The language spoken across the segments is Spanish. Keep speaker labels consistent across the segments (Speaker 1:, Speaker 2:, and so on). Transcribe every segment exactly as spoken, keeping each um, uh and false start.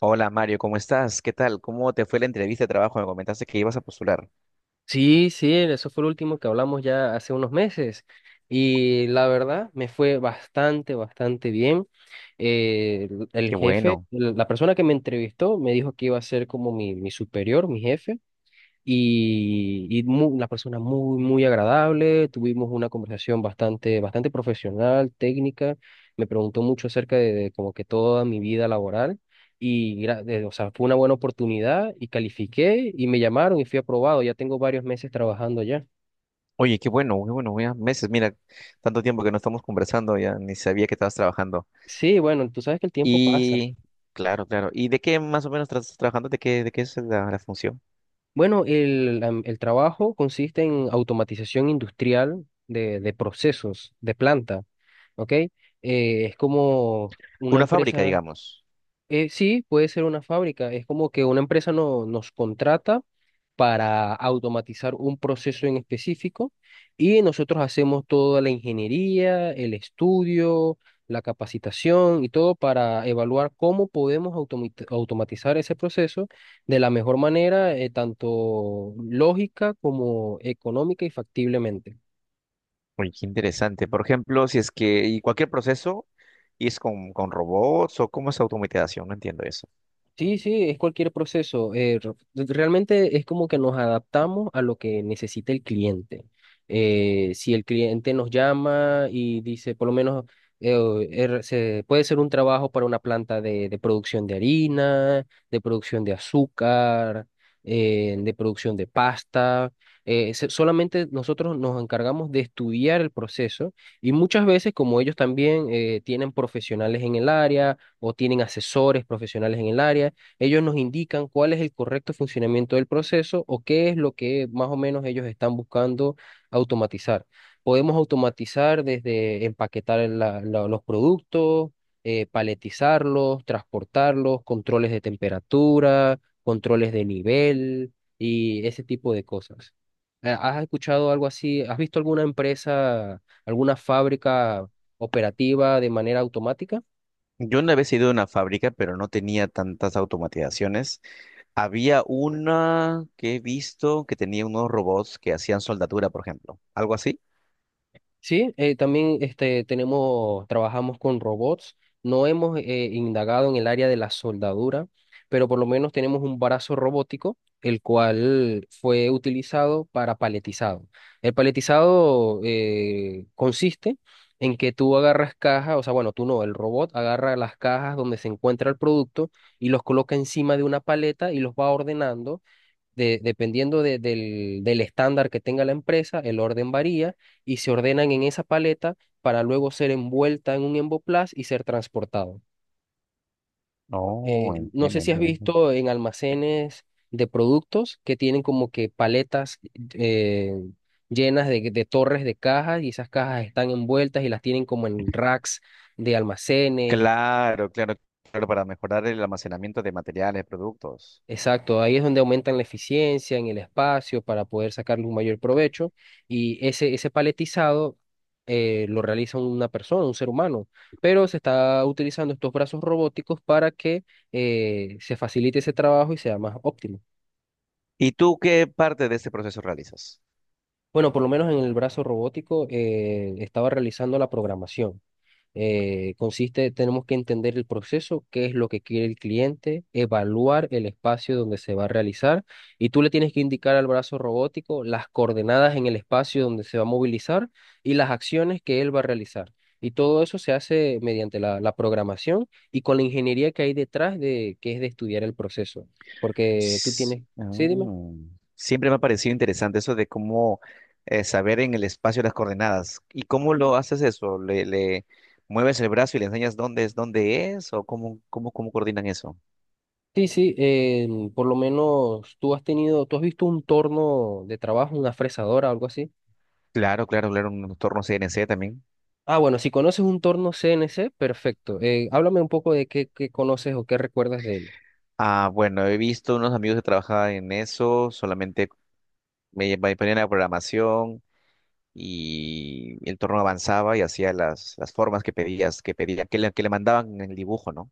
Speaker 1: Hola Mario, ¿cómo estás? ¿Qué tal? ¿Cómo te fue la entrevista de trabajo? Me comentaste que ibas a postular.
Speaker 2: Sí, sí, eso fue lo último que hablamos ya hace unos meses y la verdad me fue bastante, bastante bien. Eh, el el
Speaker 1: Qué
Speaker 2: jefe,
Speaker 1: bueno.
Speaker 2: la persona que me entrevistó me dijo que iba a ser como mi, mi superior, mi jefe y, y mu- una persona muy, muy agradable. Tuvimos una conversación bastante, bastante profesional, técnica. Me preguntó mucho acerca de, de como que toda mi vida laboral y, gra- de- o sea, fue una buena oportunidad y califiqué y me llamaron y fui aprobado. Ya tengo varios meses trabajando allá.
Speaker 1: Oye, qué bueno, qué bueno, ya meses, mira, tanto tiempo que no estamos conversando, ya ni sabía que estabas trabajando.
Speaker 2: Sí, bueno, tú sabes que el tiempo pasa.
Speaker 1: Y, claro, claro. ¿Y de qué más o menos estás trabajando? ¿De qué, de qué es la, la función?
Speaker 2: Bueno, el, am- el trabajo consiste en automatización industrial de, de procesos, de planta, ¿ok? Eh, es como una
Speaker 1: Una fábrica,
Speaker 2: empresa.
Speaker 1: digamos.
Speaker 2: Eh, sí, puede ser una fábrica. Es como que una empresa no, nos contrata para automatizar un proceso en específico y nosotros hacemos toda la ingeniería, el estudio, la capacitación y todo para evaluar cómo podemos automi- automatizar ese proceso de la mejor manera, eh, tanto lógica como económica y factiblemente.
Speaker 1: Oye, qué interesante. Por ejemplo, si es que, y cualquier proceso, ¿y es con, con robots o cómo es automatización? No entiendo eso.
Speaker 2: Sí, sí, es cualquier proceso. Eh, re- realmente es como que nos adaptamos a lo que necesita el cliente. Eh, si el cliente nos llama y dice, por lo menos, eh, o- er- se- puede ser un trabajo para una planta de, de producción de harina, de producción de azúcar, eh, de producción de pasta. Eh, se- solamente nosotros nos encargamos de estudiar el proceso y muchas veces, como ellos también eh, tienen profesionales en el área, o tienen asesores profesionales en el área. Ellos nos indican cuál es el correcto funcionamiento del proceso o qué es lo que más o menos ellos están buscando automatizar. Podemos automatizar desde empaquetar la- la- los productos, eh, paletizarlos, transportarlos, controles de temperatura, controles de nivel y ese tipo de cosas. Eh, ¿Has escuchado algo así? ¿Has visto alguna empresa, alguna fábrica operativa de manera automática?
Speaker 1: Yo una vez he ido a una fábrica, pero no tenía tantas automatizaciones. Había una que he visto que tenía unos robots que hacían soldadura, por ejemplo. ¿Algo así?
Speaker 2: Sí, eh, también este, tenemos, trabajamos con robots. No hemos eh, indagado en el área de la soldadura, pero por lo menos tenemos un brazo robótico, el cual fue utilizado para paletizado. El paletizado eh, consiste en que tú agarras cajas, o sea, bueno, tú no, el robot agarra las cajas donde se encuentra el producto y los coloca encima de una paleta y los va ordenando de- dependiendo de- del, del estándar que tenga la empresa, el orden varía y se ordenan en esa paleta para luego ser envuelta en un emboplaz y ser transportado. Eh,
Speaker 1: No,
Speaker 2: no
Speaker 1: entiendo,
Speaker 2: sé si has
Speaker 1: entiendo, entiendo.
Speaker 2: visto en almacenes de productos que tienen como que paletas eh, llenas de, de torres de cajas y esas cajas están envueltas y las tienen como en racks de almacenes.
Speaker 1: Claro, claro, claro, para mejorar el almacenamiento de materiales, productos.
Speaker 2: Exacto, ahí es donde aumentan la eficiencia en el espacio para poder sacarle un mayor provecho y ese, ese paletizado eh, lo realiza una persona, un ser humano, pero se está utilizando estos brazos robóticos para que eh, se facilite ese trabajo y sea más óptimo.
Speaker 1: ¿Y tú qué parte de este proceso realizas?
Speaker 2: Bueno, por lo menos en el brazo robótico eh, estaba realizando la programación. Eh, consiste, tenemos que entender el proceso, qué es lo que quiere el cliente, evaluar el espacio donde se va a realizar y tú le tienes que indicar al brazo robótico las coordenadas en el espacio donde se va a movilizar y las acciones que él va a realizar. Y todo eso se hace mediante la, la programación y con la ingeniería que hay detrás de que es de estudiar el proceso, porque tú
Speaker 1: S-
Speaker 2: tienes, sí, dime.
Speaker 1: Mm. Siempre me ha parecido interesante eso de cómo eh, saber en el espacio las coordenadas. ¿Y cómo lo haces eso? ¿Le, le mueves el brazo y le enseñas dónde es, dónde es? ¿O cómo, cómo, cómo coordinan eso?
Speaker 2: Sí, sí, eh, por lo menos tú has tenido, tú has visto un torno de trabajo, una fresadora, algo así.
Speaker 1: Claro, claro, claro, un entorno C N C también.
Speaker 2: Ah, bueno, si conoces un torno C N C, perfecto. Eh, háblame un poco de qué, qué conoces o qué recuerdas de él.
Speaker 1: Ah, bueno, he visto unos amigos que trabajaban en eso, solamente me, me ponían la programación y el entorno avanzaba y hacía las, las formas que pedías, que pedía, que le, que le mandaban en el dibujo, ¿no?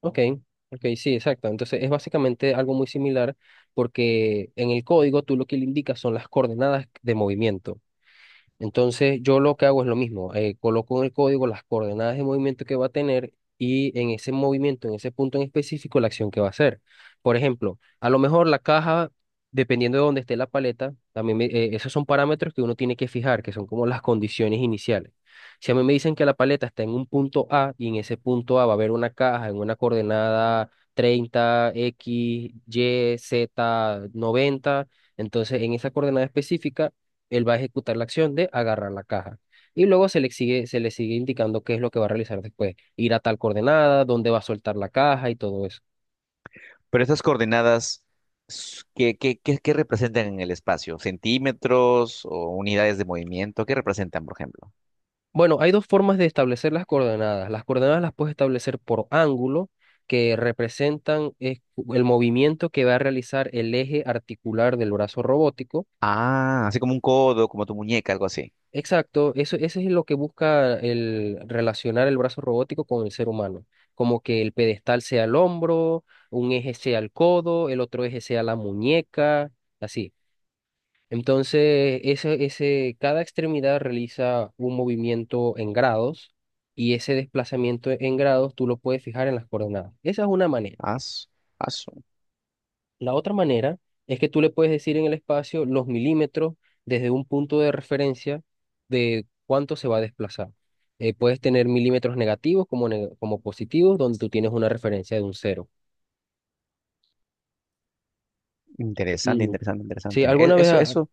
Speaker 2: Ok, ok, sí, exacto. Entonces es básicamente algo muy similar porque en el código tú lo que le indicas son las coordenadas de movimiento. Entonces, yo lo que hago es lo mismo, eh, coloco en el código las coordenadas de movimiento que va a tener y en ese movimiento, en ese punto en específico, la acción que va a hacer. Por ejemplo, a lo mejor la caja, dependiendo de dónde esté la paleta, también me- eh, esos son parámetros que uno tiene que fijar, que son como las condiciones iniciales. Si a mí me dicen que la paleta está en un punto A y en ese punto A va a haber una caja en una coordenada treinta X, Y, Z, noventa, entonces en esa coordenada específica él va a ejecutar la acción de agarrar la caja. Y luego se le sigue, se le sigue indicando qué es lo que va a realizar después. Ir a tal coordenada, dónde va a soltar la caja y todo eso.
Speaker 1: Pero esas coordenadas, s- ¿qué, qué, qué, qué representan en el espacio? ¿Centímetros o unidades de movimiento? ¿Qué representan, por ejemplo?
Speaker 2: Bueno, hay dos formas de establecer las coordenadas. Las coordenadas las puedes establecer por ángulo, que representan eh, el movimiento que va a realizar el eje articular del brazo robótico.
Speaker 1: Ah, así como un codo, como tu muñeca, algo así.
Speaker 2: Exacto, eso, eso es lo que busca el relacionar el brazo robótico con el ser humano, como que el pedestal sea el hombro, un eje sea el codo, el otro eje sea la muñeca, así. Entonces, ese, ese, cada extremidad realiza un movimiento en grados y ese desplazamiento en grados tú lo puedes fijar en las coordenadas. Esa es una manera.
Speaker 1: Ah, su- ah, su-
Speaker 2: La otra manera es que tú le puedes decir en el espacio los milímetros desde un punto de referencia de cuánto se va a desplazar. Eh, puedes tener milímetros negativos como, ne- como positivos, donde tú tienes una referencia de un cero.
Speaker 1: Interesante,
Speaker 2: Mm,
Speaker 1: interesante,
Speaker 2: sí,
Speaker 1: interesante. E-
Speaker 2: alguna vez,
Speaker 1: Eso,
Speaker 2: ah,
Speaker 1: eso.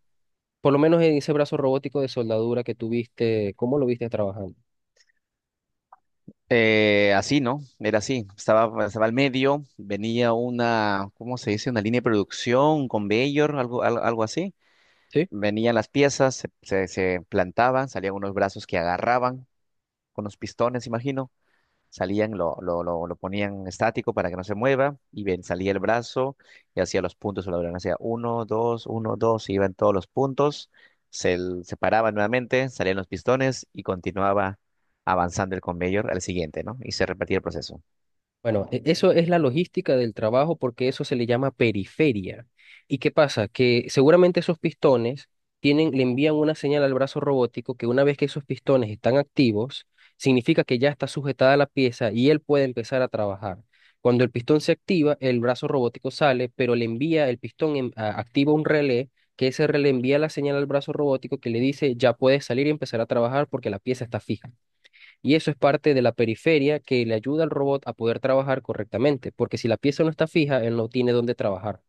Speaker 2: por lo menos en ese brazo robótico de soldadura que tuviste, ¿cómo lo viste trabajando?
Speaker 1: Eh, así, ¿no? Era así. Estaba, estaba al medio, venía una, ¿cómo se dice? Una línea de producción con Bayor, algo, al- algo, así.
Speaker 2: Sí.
Speaker 1: Venían las piezas, se, se- se plantaban, salían unos brazos que agarraban con los pistones, imagino, salían, lo, lo, lo, lo ponían estático para que no se mueva, y ven, salía el brazo y hacía los puntos sobre la lona, hacía uno, dos, uno, dos, y iban todos los puntos, se, se nuevamente, salían los pistones y continuaba avanzando el conveyor al siguiente, ¿no? Y se repetía el proceso.
Speaker 2: Bueno, e- eso es la logística del trabajo porque eso se le llama periferia. ¿Y qué pasa? Que seguramente esos pistones tienen, le envían una señal al brazo robótico que una vez que esos pistones están activos, significa que ya está sujetada la pieza y él puede empezar a trabajar. Cuando el pistón se activa, el brazo robótico sale, pero le envía el pistón, en- a- activa un relé, que ese relé envía la señal al brazo robótico que le dice ya puedes salir y empezar a trabajar porque la pieza está fija. Y eso es parte de la periferia que le ayuda al robot a poder trabajar correctamente, porque si la pieza no está fija, él no tiene dónde trabajar.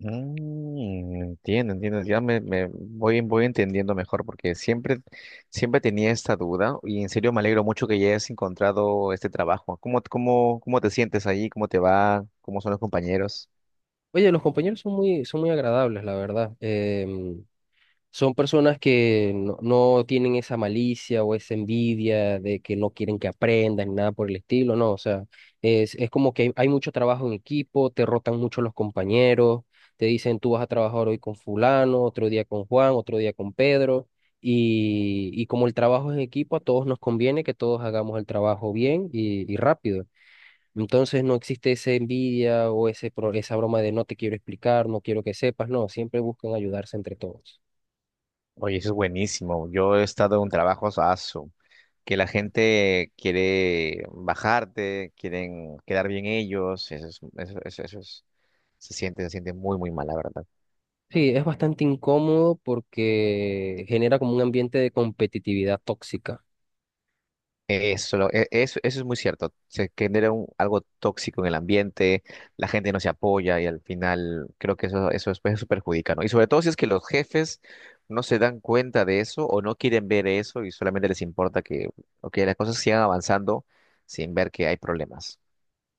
Speaker 1: Mm, entiendo, entiendo, ya me, me voy, voy entendiendo mejor porque siempre, siempre tenía esta duda y en serio me alegro mucho que ya hayas encontrado este trabajo. ¿Cómo, cómo, cómo te sientes ahí? ¿Cómo te va? ¿Cómo son los compañeros?
Speaker 2: Oye, los compañeros son muy, son muy agradables, la verdad. Em, Son personas que no, no tienen esa malicia o esa envidia de que no quieren que aprendas ni nada por el estilo, no, o sea, es, es como que hay, hay mucho trabajo en equipo, te rotan mucho los compañeros, te dicen tú vas a trabajar hoy con fulano, otro día con Juan, otro día con Pedro, y, y como el trabajo es en equipo, a todos nos conviene que todos hagamos el trabajo bien y, y rápido. Entonces no existe esa envidia o ese, pro- esa broma de no te quiero explicar, no quiero que sepas, no, siempre buscan ayudarse entre todos.
Speaker 1: Oye, eso es buenísimo. Yo he estado en un trabajo aso, que la gente quiere bajarte, quieren quedar bien ellos. Eso es, eso, eso, eso es- se siente, se siente muy, muy mal, la verdad.
Speaker 2: Sí, es bastante incómodo porque genera como un ambiente de competitividad tóxica,
Speaker 1: Eso, lo- e- eso, eso es muy cierto. Se genera un- algo tóxico en el ambiente, la gente no se apoya y al final creo que eso, eso después se perjudica, ¿no? Y sobre todo si es que los jefes no se dan cuenta de eso o no quieren ver eso y solamente les importa que, ok, las cosas sigan avanzando sin ver que hay problemas.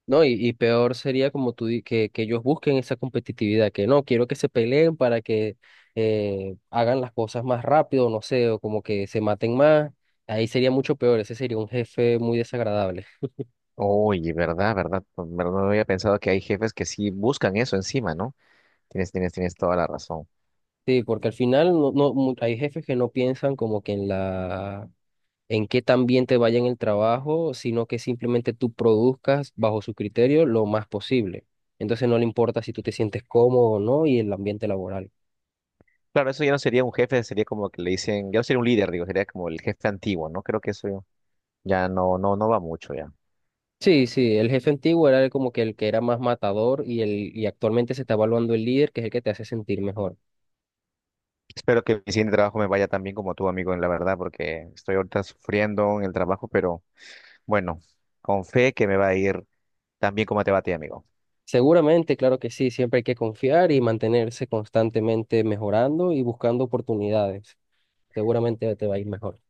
Speaker 2: ¿no? Y, y peor sería como tú di- que, que ellos busquen esa competitividad, que no, quiero que se peleen para que eh, hagan las cosas más rápido, no sé, o como que se maten más. Ahí sería mucho peor, ese sería un jefe muy desagradable.
Speaker 1: Oye, verdad, verdad, pero no había pensado que hay jefes que sí buscan eso encima, ¿no? Tienes, tienes, tienes toda la razón.
Speaker 2: Sí, porque al final no, no, mu- hay jefes que no piensan como que en la en qué también te vaya en el trabajo, sino que simplemente tú produzcas bajo su criterio lo más posible. Entonces no le importa si tú te sientes cómodo o no y el ambiente laboral.
Speaker 1: Claro, eso ya no sería un jefe, sería como que le dicen, ya no sería un líder, digo, sería como el jefe antiguo, ¿no? Creo que eso ya no, no, no va mucho ya.
Speaker 2: Sí, sí, el jefe antiguo era el como que el que era más matador y, el, y actualmente se está evaluando el líder, que es el que te hace sentir mejor.
Speaker 1: Espero que mi siguiente trabajo me vaya tan bien como tú, amigo, en la verdad, porque estoy ahorita sufriendo en el trabajo, pero bueno, con fe que me va a ir tan bien como te va a ti, amigo.
Speaker 2: Seguramente, claro que sí, siempre hay que confiar y mantenerse constantemente mejorando y buscando oportunidades. Seguramente te va a ir mejor.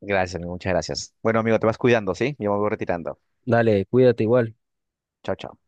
Speaker 1: Gracias, amigo, muchas gracias. Bueno, amigo, te vas cuidando, ¿sí? Yo me voy retirando.
Speaker 2: Dale, cuídate igual.
Speaker 1: Chao, chao.